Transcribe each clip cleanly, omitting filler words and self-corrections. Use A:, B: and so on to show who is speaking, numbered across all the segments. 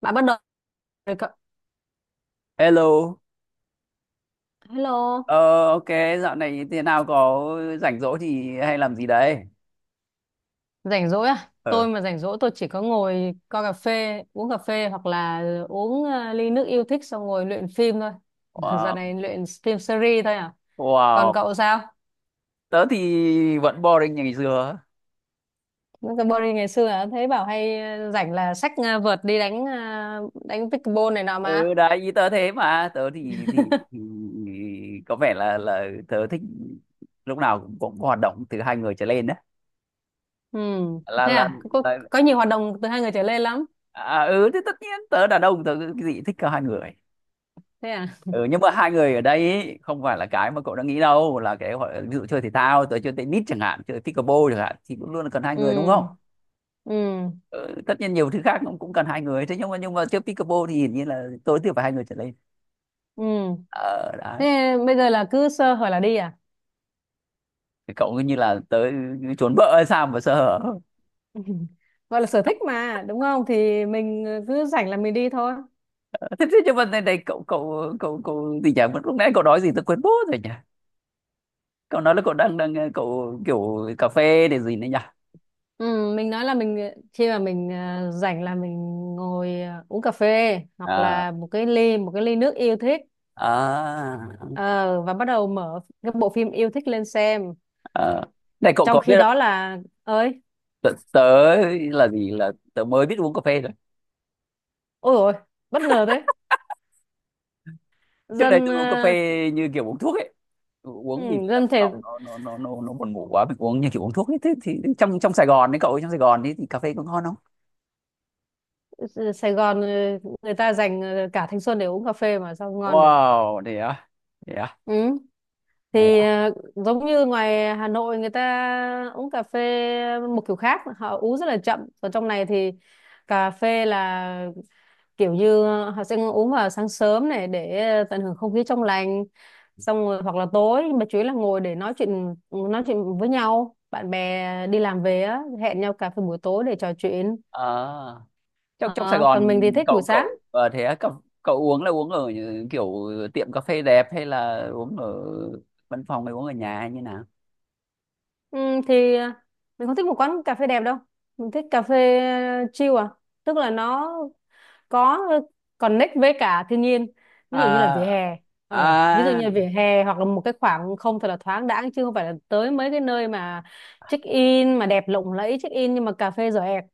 A: Bạn bắt đầu rồi cậu.
B: Hello. ờ,
A: Hello.
B: ok, Dạo này thế nào, có rảnh rỗi thì hay làm gì đấy?
A: Rảnh rỗi à?
B: Ờ,
A: Tôi mà rảnh rỗi tôi chỉ có ngồi coi cà phê, uống cà phê hoặc là uống ly nước yêu thích xong ngồi luyện phim thôi. Dạo
B: wow,
A: này luyện phim series thôi à? Còn
B: wow,
A: cậu sao?
B: Tớ thì vẫn boring như ngày xưa.
A: Những cái body ngày xưa à? Thấy bảo hay rảnh là xách vợt đi đánh pickleball này nọ mà.
B: Ừ, đấy, ý tớ thế mà, tớ thì có vẻ là tớ thích lúc nào cũng có hoạt động từ hai người trở lên đấy.
A: Ừ,
B: Là,
A: thế
B: là,
A: à? Có, có
B: là,
A: có nhiều hoạt động từ hai người trở lên lắm.
B: thì tất nhiên tớ đàn ông tớ cái gì thích cả hai người.
A: Thế à?
B: Ừ, nhưng mà hai người ở đây ý, không phải là cái mà cậu đã nghĩ đâu, là cái gọi là ví dụ chơi thể thao, tới chơi tennis chẳng hạn, chơi pickleball chẳng hạn, thì cũng luôn là cần hai người đúng không.
A: Ừ, ừ,
B: Ừ, tất nhiên nhiều thứ khác cũng cũng cần hai người, thế nhưng mà chơi pickleball thì hiển nhiên là tối thiểu phải hai người trở lên.
A: ừ.
B: Ờ đấy.
A: Thế bây giờ là cứ sơ hở là đi à?
B: Thì cậu cứ như là tới trốn vợ hay sao mà sơ hở.
A: Gọi là sở thích mà đúng không, thì mình cứ rảnh là mình đi thôi.
B: Thế nhưng mà này, này cậu cậu cậu cậu gì nhỉ, lúc nãy cậu nói gì tôi quên bố rồi nhỉ, cậu nói là cậu đang đang cậu kiểu cà phê để gì nữa nhỉ?
A: Ừ, mình nói là mình, khi mà mình rảnh là mình ngồi uống cà phê hoặc
B: à
A: là một cái ly nước yêu thích.
B: à,
A: Ờ, và bắt đầu mở cái bộ phim yêu thích lên xem
B: à. Này cậu
A: trong
B: có
A: khi
B: biết,
A: đó là ơi.
B: tớ là gì, là tớ mới biết uống cà phê thôi.
A: Ôi rồi, bất ngờ thế.
B: Trước đây
A: dân
B: tôi uống cà phê
A: ờ,
B: như kiểu uống thuốc ấy,
A: ừ,
B: uống vì là
A: Dân thể
B: phòng nó buồn ngủ quá, mình uống như kiểu uống thuốc ấy. Thế thì trong trong Sài Gòn đấy cậu ấy, trong Sài Gòn ấy, thì cà phê có ngon không?
A: Sài Gòn người ta dành cả thanh xuân để uống cà phê mà sao ngon được.
B: Wow Thế à, thế à
A: Ừ.
B: thế à,
A: Giống như ngoài Hà Nội người ta uống cà phê một kiểu khác, họ uống rất là chậm, còn trong này thì cà phê là kiểu như họ sẽ uống vào sáng sớm này để tận hưởng không khí trong lành, xong rồi hoặc là tối, nhưng mà chủ yếu là ngồi để nói chuyện với nhau, bạn bè đi làm về á hẹn nhau cà phê buổi tối để trò chuyện.
B: à trong trong Sài
A: Ờ, còn
B: Gòn
A: mình thì thích buổi
B: cậu
A: sáng.
B: cậu ờ, thế à, cậu, cậu, uống là uống ở những kiểu tiệm cà phê đẹp, hay là uống ở văn phòng, hay uống ở nhà, hay như nào?
A: ừ, thì ờ, mình không thích một quán cà phê đẹp đâu, mình thích cà phê chill à, tức là nó có connect với cả thiên nhiên, ví dụ như là vỉa
B: à
A: hè.
B: à
A: Hoặc là một cái khoảng không thật là thoáng đãng, chứ không phải là tới mấy cái nơi mà check in mà đẹp lộng lẫy check in nhưng mà cà phê giỏ ẹc.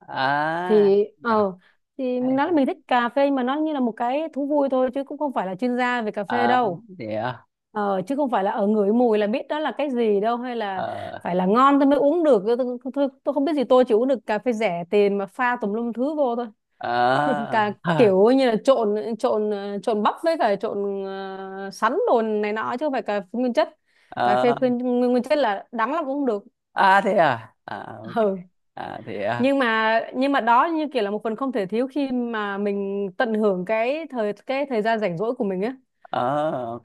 B: à, à.
A: Thì ờ thì mình nói là
B: Dạ.
A: mình thích cà phê nhưng mà nó như là một cái thú vui thôi chứ cũng không phải là chuyên gia về cà phê
B: à
A: đâu.
B: thế à
A: Ờ, chứ không phải là ở ngửi mùi là biết đó là cái gì đâu, hay là
B: ờ
A: phải là ngon tôi mới uống được. Không biết gì, tôi chỉ uống được cà phê rẻ tiền mà pha tùm lum thứ vô thôi,
B: ờ
A: cả
B: ờ
A: kiểu như là trộn trộn ờ, trộn bắp với cả trộn sắn đồ này nọ chứ không phải cà phê nguyên chất. Cà phê
B: ờ.
A: nguyên chất là đắng lắm cũng không được.
B: à thế à à ok
A: Ừ.
B: à thế à
A: nhưng mà đó như kiểu là một phần không thể thiếu khi mà mình tận hưởng cái thời gian rảnh rỗi của mình á.
B: ờ Ok.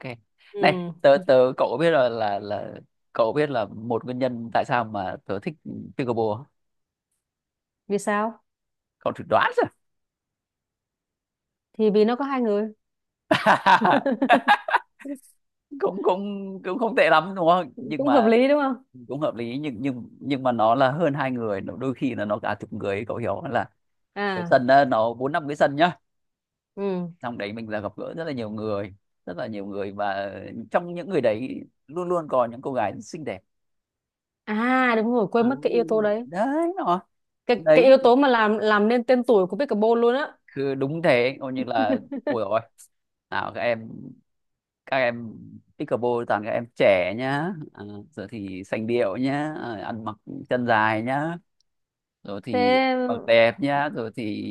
B: Này
A: Ừ.
B: tớ tớ cậu có biết là cậu biết là một nguyên nhân tại sao mà tớ thích pickleball không?
A: Vì sao?
B: Cậu thử đoán xem.
A: Thì vì nó có hai người.
B: cũng cũng cũng không tệ lắm đúng không, nhưng
A: Cũng hợp
B: mà
A: lý đúng không?
B: cũng hợp lý, nhưng mà nó là hơn hai người, nó đôi khi là nó cả chục người ấy, cậu hiểu không? Là cái
A: À,
B: sân á, nó bốn năm cái sân nhá,
A: ừ.
B: trong đấy mình là gặp gỡ rất là nhiều người, rất là nhiều người, và trong những người đấy luôn luôn có những cô gái rất xinh đẹp.
A: À, đúng rồi,
B: À,
A: quên mất cái yếu tố đấy.
B: đấy nó
A: Cái yếu tố mà làm nên tên tuổi của Pickleball luôn á.
B: đấyคือđúng thế, coi như là ôi rồi, nào các em, các em pickleball toàn các em trẻ nhá, à, rồi thì sành điệu nhá, à, ăn mặc chân dài nhá, rồi thì
A: thế
B: mặc đẹp nhá, rồi thì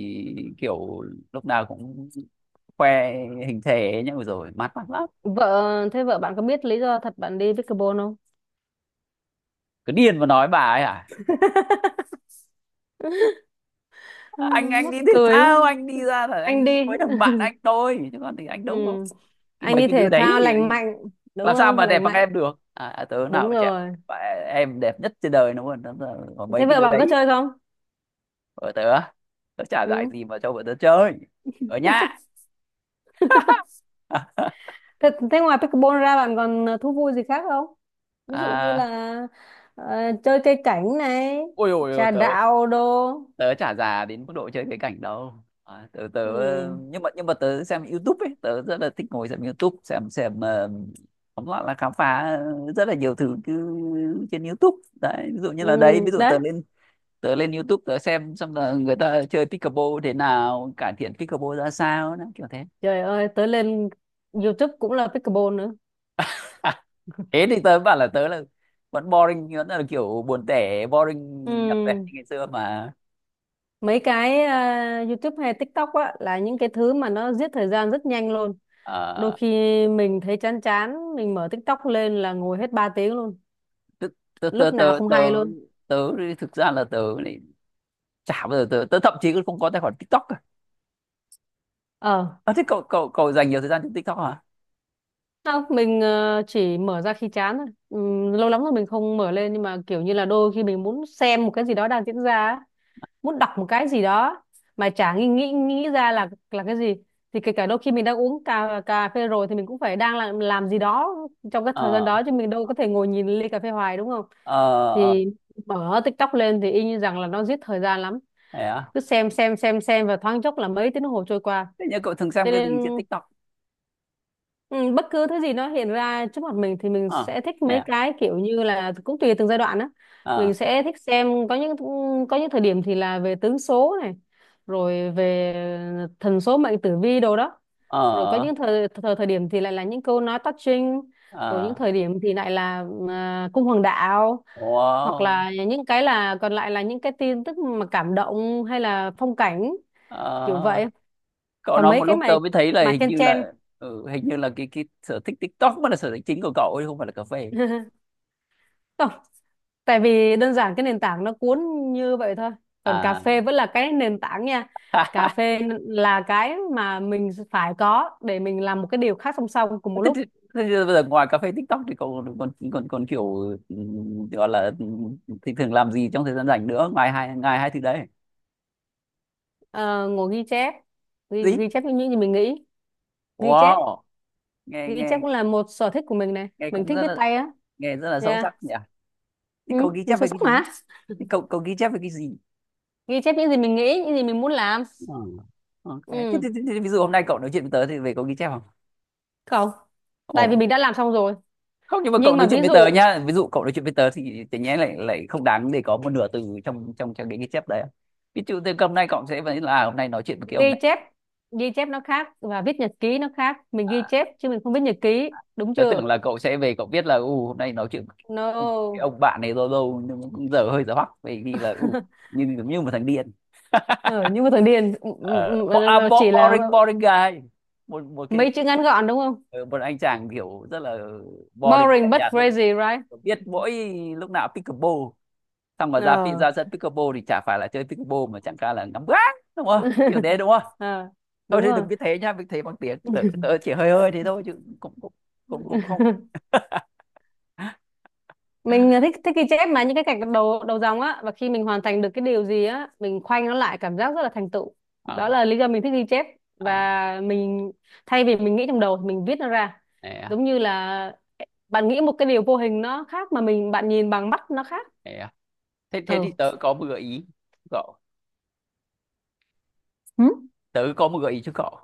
B: kiểu lúc nào cũng khoe hình thể nhá, rồi mát mắt lắm.
A: Thế vợ bạn có biết lý do thật bạn đi pickleball không?
B: Cứ điên mà nói bà ấy hả,
A: Ừ,
B: anh
A: mắc
B: đi thể
A: cười quá.
B: thao, anh đi ra là anh
A: Anh đi.
B: đi với thằng bạn anh thôi, chứ còn thì anh
A: Ừ.
B: đâu có
A: Anh
B: mấy
A: đi
B: cái đứa
A: thể
B: đấy
A: thao
B: thì
A: lành
B: anh
A: mạnh đúng
B: làm sao
A: không?
B: mà đẹp
A: Lành
B: bằng
A: mạnh,
B: em được, à, tớ nào
A: đúng
B: mà trẻ.
A: rồi.
B: Và em đẹp nhất trên đời đúng không. Đúng là có mấy
A: Thế
B: cái
A: vợ
B: đứa
A: bạn có
B: đấy
A: chơi không?
B: ở tớ, tớ chả dạy
A: Ừ.
B: gì mà cho bọn tớ chơi ở nhà.
A: Thế ngoài pickleball ra bạn còn thú vui gì khác không? Ví dụ như
B: à,
A: là ờ, chơi cây cảnh này,
B: ôi ôi ôi
A: trà
B: tớ,
A: đạo đồ.
B: chả già đến mức độ chơi cái cảnh đâu. À, tớ tớ
A: Ừ.
B: nhưng mà tớ xem YouTube ấy, tớ rất là thích ngồi xem YouTube, tóm lại là khám phá rất là nhiều thứ cứ trên YouTube đấy, ví dụ như
A: Ừ.
B: là đấy, ví dụ
A: Đấy.
B: tớ lên, tớ lên YouTube tớ xem xong là người ta chơi pickleball thế nào, cải thiện pickleball ra sao đó, kiểu thế.
A: Trời ơi, tới lên YouTube cũng là pickleball nữa.
B: Thế thì tớ bảo là tớ là vẫn boring, vẫn là kiểu buồn tẻ, boring nhập tẻ
A: Ừ.
B: như ngày xưa mà.
A: Mấy cái YouTube hay TikTok á là những cái thứ mà nó giết thời gian rất nhanh luôn.
B: Ờ,
A: Đôi khi mình thấy chán chán mình mở TikTok lên là ngồi hết 3 tiếng luôn,
B: tức- tớ tớ
A: lúc nào
B: tớ
A: không hay
B: tớ
A: luôn.
B: tớ thực ra là tớ lại chả bao giờ tớ thậm chí cũng không có tài khoản TikTok cả.
A: ờ
B: À, thế cậu cậu cậu dành nhiều thời gian trên TikTok hả?
A: Không, mình chỉ mở ra khi chán thôi. Lâu lắm rồi mình không mở lên, nhưng mà kiểu như là đôi khi mình muốn xem một cái gì đó đang diễn ra á, muốn đọc một cái gì đó mà chả nghĩ nghĩ nghĩ ra là cái gì. Thì kể cả đôi khi mình đang uống cà cà phê rồi thì mình cũng phải đang làm gì đó trong cái thời gian
B: ờ
A: đó chứ mình đâu có thể ngồi nhìn ly cà phê hoài đúng không,
B: ờ ờ
A: thì mở TikTok lên thì y như rằng là nó giết thời gian lắm,
B: thế à
A: cứ xem và thoáng chốc là mấy tiếng đồng hồ trôi qua,
B: Thế nhưng cậu thường
A: cho
B: xem cái gì trên
A: nên.
B: TikTok?
A: Ừ, bất cứ thứ gì nó hiện ra trước mặt mình thì mình
B: Ờ
A: sẽ thích.
B: thế
A: Mấy
B: à
A: cái kiểu như là cũng tùy từng giai đoạn á,
B: ờ
A: mình sẽ thích xem. Có những thời điểm thì là về tướng số này, rồi về thần số mệnh tử vi đồ đó, rồi có
B: ờ
A: những thời thời, thời điểm thì lại là những câu nói touching, rồi những
B: ờ
A: thời điểm thì lại là cung hoàng đạo, hoặc
B: wow
A: là những cái là còn lại là những cái tin tức mà cảm động hay là phong cảnh kiểu
B: ờ
A: vậy,
B: Cậu
A: còn
B: nói
A: mấy
B: một
A: cái
B: lúc
A: mà
B: tớ mới thấy là
A: mà
B: hình
A: chen
B: như
A: chen.
B: là, ừ, hình như là cái sở thích TikTok mới là sở thích chính của cậu ấy, không phải là cà phê
A: Tại vì đơn giản cái nền tảng nó cuốn như vậy thôi, còn cà
B: à.
A: phê vẫn là cái nền tảng nha, cà phê là cái mà mình phải có để mình làm một cái điều khác song song cùng một
B: thế, thì-
A: lúc.
B: thế, thì bây giờ ngoài cà phê TikTok thì cậu còn còn kiểu, ừ, gọi là, ừ, thì thường làm gì trong thời gian rảnh nữa, ngoài hai thứ đấy?
A: Ờ, ngồi ghi chép,
B: Gì?
A: ghi chép những gì mình nghĩ. Ghi chép.
B: Wow, nghe
A: Ghi chép
B: nghe
A: cũng là một sở thích của mình này,
B: nghe
A: mình
B: cũng
A: thích
B: rất
A: viết
B: là,
A: tay á.
B: nghe rất là sâu
A: Yeah.
B: sắc nhỉ. Thế
A: Ừ,
B: cậu ghi
A: mình
B: chép
A: sâu
B: về cái
A: sắc
B: gì?
A: mà.
B: Thế cậu cậu ghi chép về cái gì?
A: Ghi chép những gì mình nghĩ, những gì mình muốn làm.
B: Ừ. Ok. Thế, thế,
A: Ừ.
B: thế, thế, Ví dụ hôm nay cậu nói chuyện với tớ thì về cậu ghi chép không?
A: Không, tại vì
B: Ồ.
A: mình đã làm xong rồi.
B: Không nhưng mà cậu
A: Nhưng
B: nói
A: mà
B: chuyện
A: ví
B: với tớ
A: dụ
B: nhá. Ví dụ cậu nói chuyện với tớ thì tự nhiên lại lại không đáng để có một nửa từ trong trong trong cái ghi chép đấy. Ví dụ từ hôm nay cậu sẽ vẫn là, à, hôm nay nói chuyện với cái
A: ghi
B: ông này.
A: chép ghi chép nó khác và viết nhật ký nó khác, mình ghi
B: À,
A: chép chứ mình không viết nhật ký, đúng
B: tớ
A: chưa?
B: tưởng là cậu sẽ về cậu biết là u hôm nay nói chuyện với cái
A: No.
B: ông bạn này lâu lâu, nhưng mà cũng giờ hơi giờ hoắc vì vì là u như giống như một thằng điên.
A: Ở, nhưng mà thằng điền, ừ,
B: Ờ,
A: ừ,
B: bo à,
A: ừ,
B: bo
A: chỉ là
B: Boring, boring guy, một một cái,
A: mấy chữ ngắn gọn đúng không?
B: ờ, một anh chàng kiểu rất là boring,
A: Boring
B: lạnh
A: but
B: nhạt, lúc
A: crazy, right?
B: biết mỗi lúc nào pickleball, xong mà ra
A: Ờ.
B: ra sân pickleball thì chả phải là chơi pickleball, mà chẳng cả là ngắm gác đúng không, kiểu thế đúng không.
A: Ờ,
B: Thôi
A: đúng
B: thì
A: rồi.
B: đừng cứ thế nhá, mình thế bằng tiếng tớ, tớ chỉ hơi hơi thế thôi chứ cũng cũng cũng cũng không.
A: Mình thích thích ghi chép mà những cái gạch đầu đầu dòng á, và khi mình hoàn thành được cái điều gì á mình khoanh nó lại, cảm giác rất là thành tựu.
B: Ờ,
A: Đó là lý do mình thích ghi chép.
B: à,
A: Và mình, thay vì mình nghĩ trong đầu thì mình viết nó ra,
B: thế, à,
A: giống như là bạn nghĩ một cái điều vô hình nó khác mà mình bạn nhìn bằng mắt nó khác.
B: thế, à. Thế thế thì
A: Ừ.
B: tớ có một gợi ý, cậu,
A: Ừ.
B: tớ có một gợi ý cho cậu.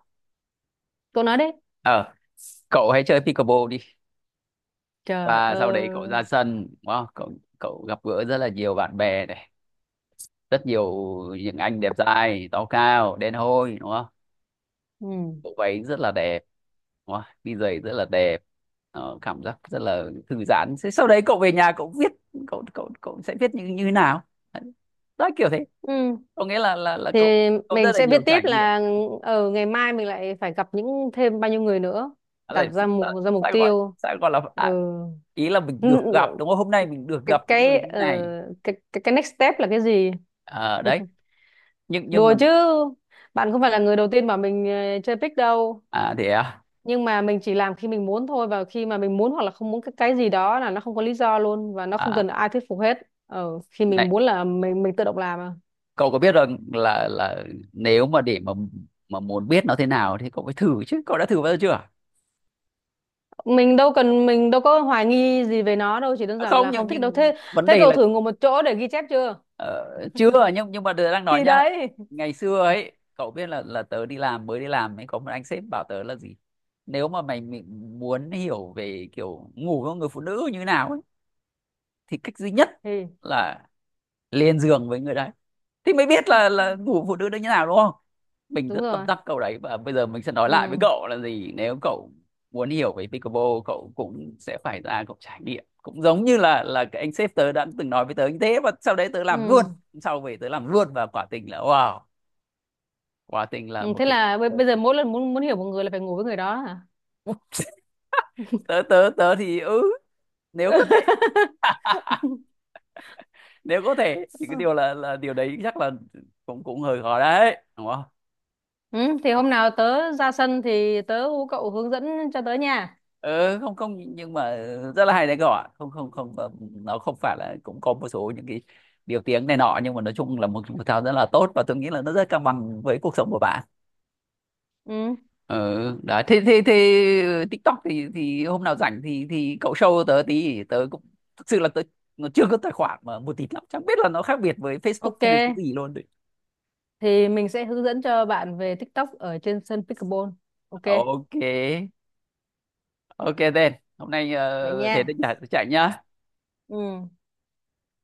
A: Cô nói đi.
B: ờ Cậu hãy chơi pickleball đi,
A: Trời
B: và sau đấy cậu ra
A: ơi.
B: sân đúng không? Cậu, gặp gỡ rất là nhiều bạn bè này, rất nhiều những anh đẹp trai, to cao đen hôi đúng không,
A: Ừ.
B: bộ váy rất là đẹp đúng không, đi giày rất là đẹp. Ờ, cảm giác rất là thư giãn. Thế sau đấy cậu về nhà cậu viết, cậu cậu cậu sẽ viết như như thế nào đó, kiểu thế.
A: Ừ,
B: Có nghĩa là
A: thì
B: cậu,
A: mình
B: rất là
A: sẽ viết
B: nhiều
A: tiếp
B: trải nghiệm.
A: là ở ngày mai mình lại phải gặp những thêm bao nhiêu người nữa,
B: À,
A: đặt
B: lại
A: ra
B: sao,
A: mục
B: sao gọi
A: tiêu.
B: sao gọi là, à,
A: Ừ.
B: ý là mình được
A: N-
B: gặp đúng không, hôm nay mình được
A: cái
B: gặp những người
A: cái
B: như
A: ờ,
B: này.
A: cái next step là cái gì?
B: Ờ, đấy. Nhưng
A: Đùa
B: mà
A: chứ, bạn không phải là người đầu tiên mà mình chơi pick đâu,
B: à thế à?
A: nhưng mà mình chỉ làm khi mình muốn thôi, và khi mà mình muốn hoặc là không muốn cái gì đó là nó không có lý do luôn và nó không
B: À,
A: cần ai thuyết phục hết. Ờ, khi mình
B: này,
A: muốn là mình tự động làm à.
B: cậu có biết rằng là nếu mà để mà muốn biết nó thế nào thì cậu phải thử chứ. Cậu đã thử bao giờ chưa?
A: Mình đâu cần, mình đâu có hoài nghi gì về nó đâu, chỉ đơn
B: À,
A: giản
B: không,
A: là không thích đâu
B: nhưng
A: thế.
B: vấn
A: Thế
B: đề
A: cậu
B: là,
A: thử ngồi một chỗ để ghi chép chưa?
B: ờ, chưa, nhưng nhưng mà tớ đang nói
A: Thì
B: nhá.
A: đấy.
B: Ngày xưa ấy, cậu biết là tớ đi làm, mới đi làm ấy, có một anh sếp bảo tớ là gì? Nếu mà mày muốn hiểu về kiểu ngủ với một người phụ nữ như thế nào ấy, thì cách duy nhất
A: Thì
B: là lên giường với người đấy thì mới biết là ngủ phụ nữ nó như nào đúng không. Mình
A: đúng
B: rất tâm
A: rồi.
B: đắc câu đấy, và bây giờ mình sẽ nói lại với
A: Ừ.
B: cậu là gì, nếu cậu muốn hiểu về pickleball, cậu cũng sẽ phải ra cậu trải nghiệm, cũng giống như là cái anh sếp tớ đã từng nói với tớ như thế, và sau đấy tớ làm luôn.
A: Ừ.
B: Sau về tớ làm luôn, và quả tình là wow, quả tình là
A: Ừ, thế là
B: một
A: bây giờ
B: cái...
A: mỗi lần muốn muốn hiểu một người là phải ngủ với người đó hả?
B: tớ tớ tớ thì, ừ, nếu có thể, nếu có thể thì cái điều là điều đấy chắc là cũng cũng hơi khó đấy đúng không?
A: Ừ, thì hôm nào tớ ra sân thì tớ hú cậu hướng dẫn cho tớ nha.
B: Ừ, không, không nhưng mà rất là hay đấy các bạn, không không không, ờ, nó không phải là, cũng có một số những cái điều tiếng này nọ, nhưng mà nói chung là một thể thao rất là tốt, và tôi nghĩ là nó rất cân bằng với cuộc sống của bạn.
A: Ừ,
B: Ừ, đấy. Thế thế thế Ờ, TikTok thì hôm nào rảnh thì cậu show tớ tí, tớ cũng thực sự là tớ nó chưa có tài khoản mà một tí lắm, chẳng biết là nó khác biệt với Facebook
A: ok.
B: thế này cái gì luôn đấy.
A: Thì mình sẽ hướng dẫn cho bạn về TikTok ở trên sân pickleball. Ok,
B: Ok Ok tên, hôm nay,
A: vậy
B: ờ, thế tôi
A: nha.
B: chạy chạy nhá.
A: Ừ.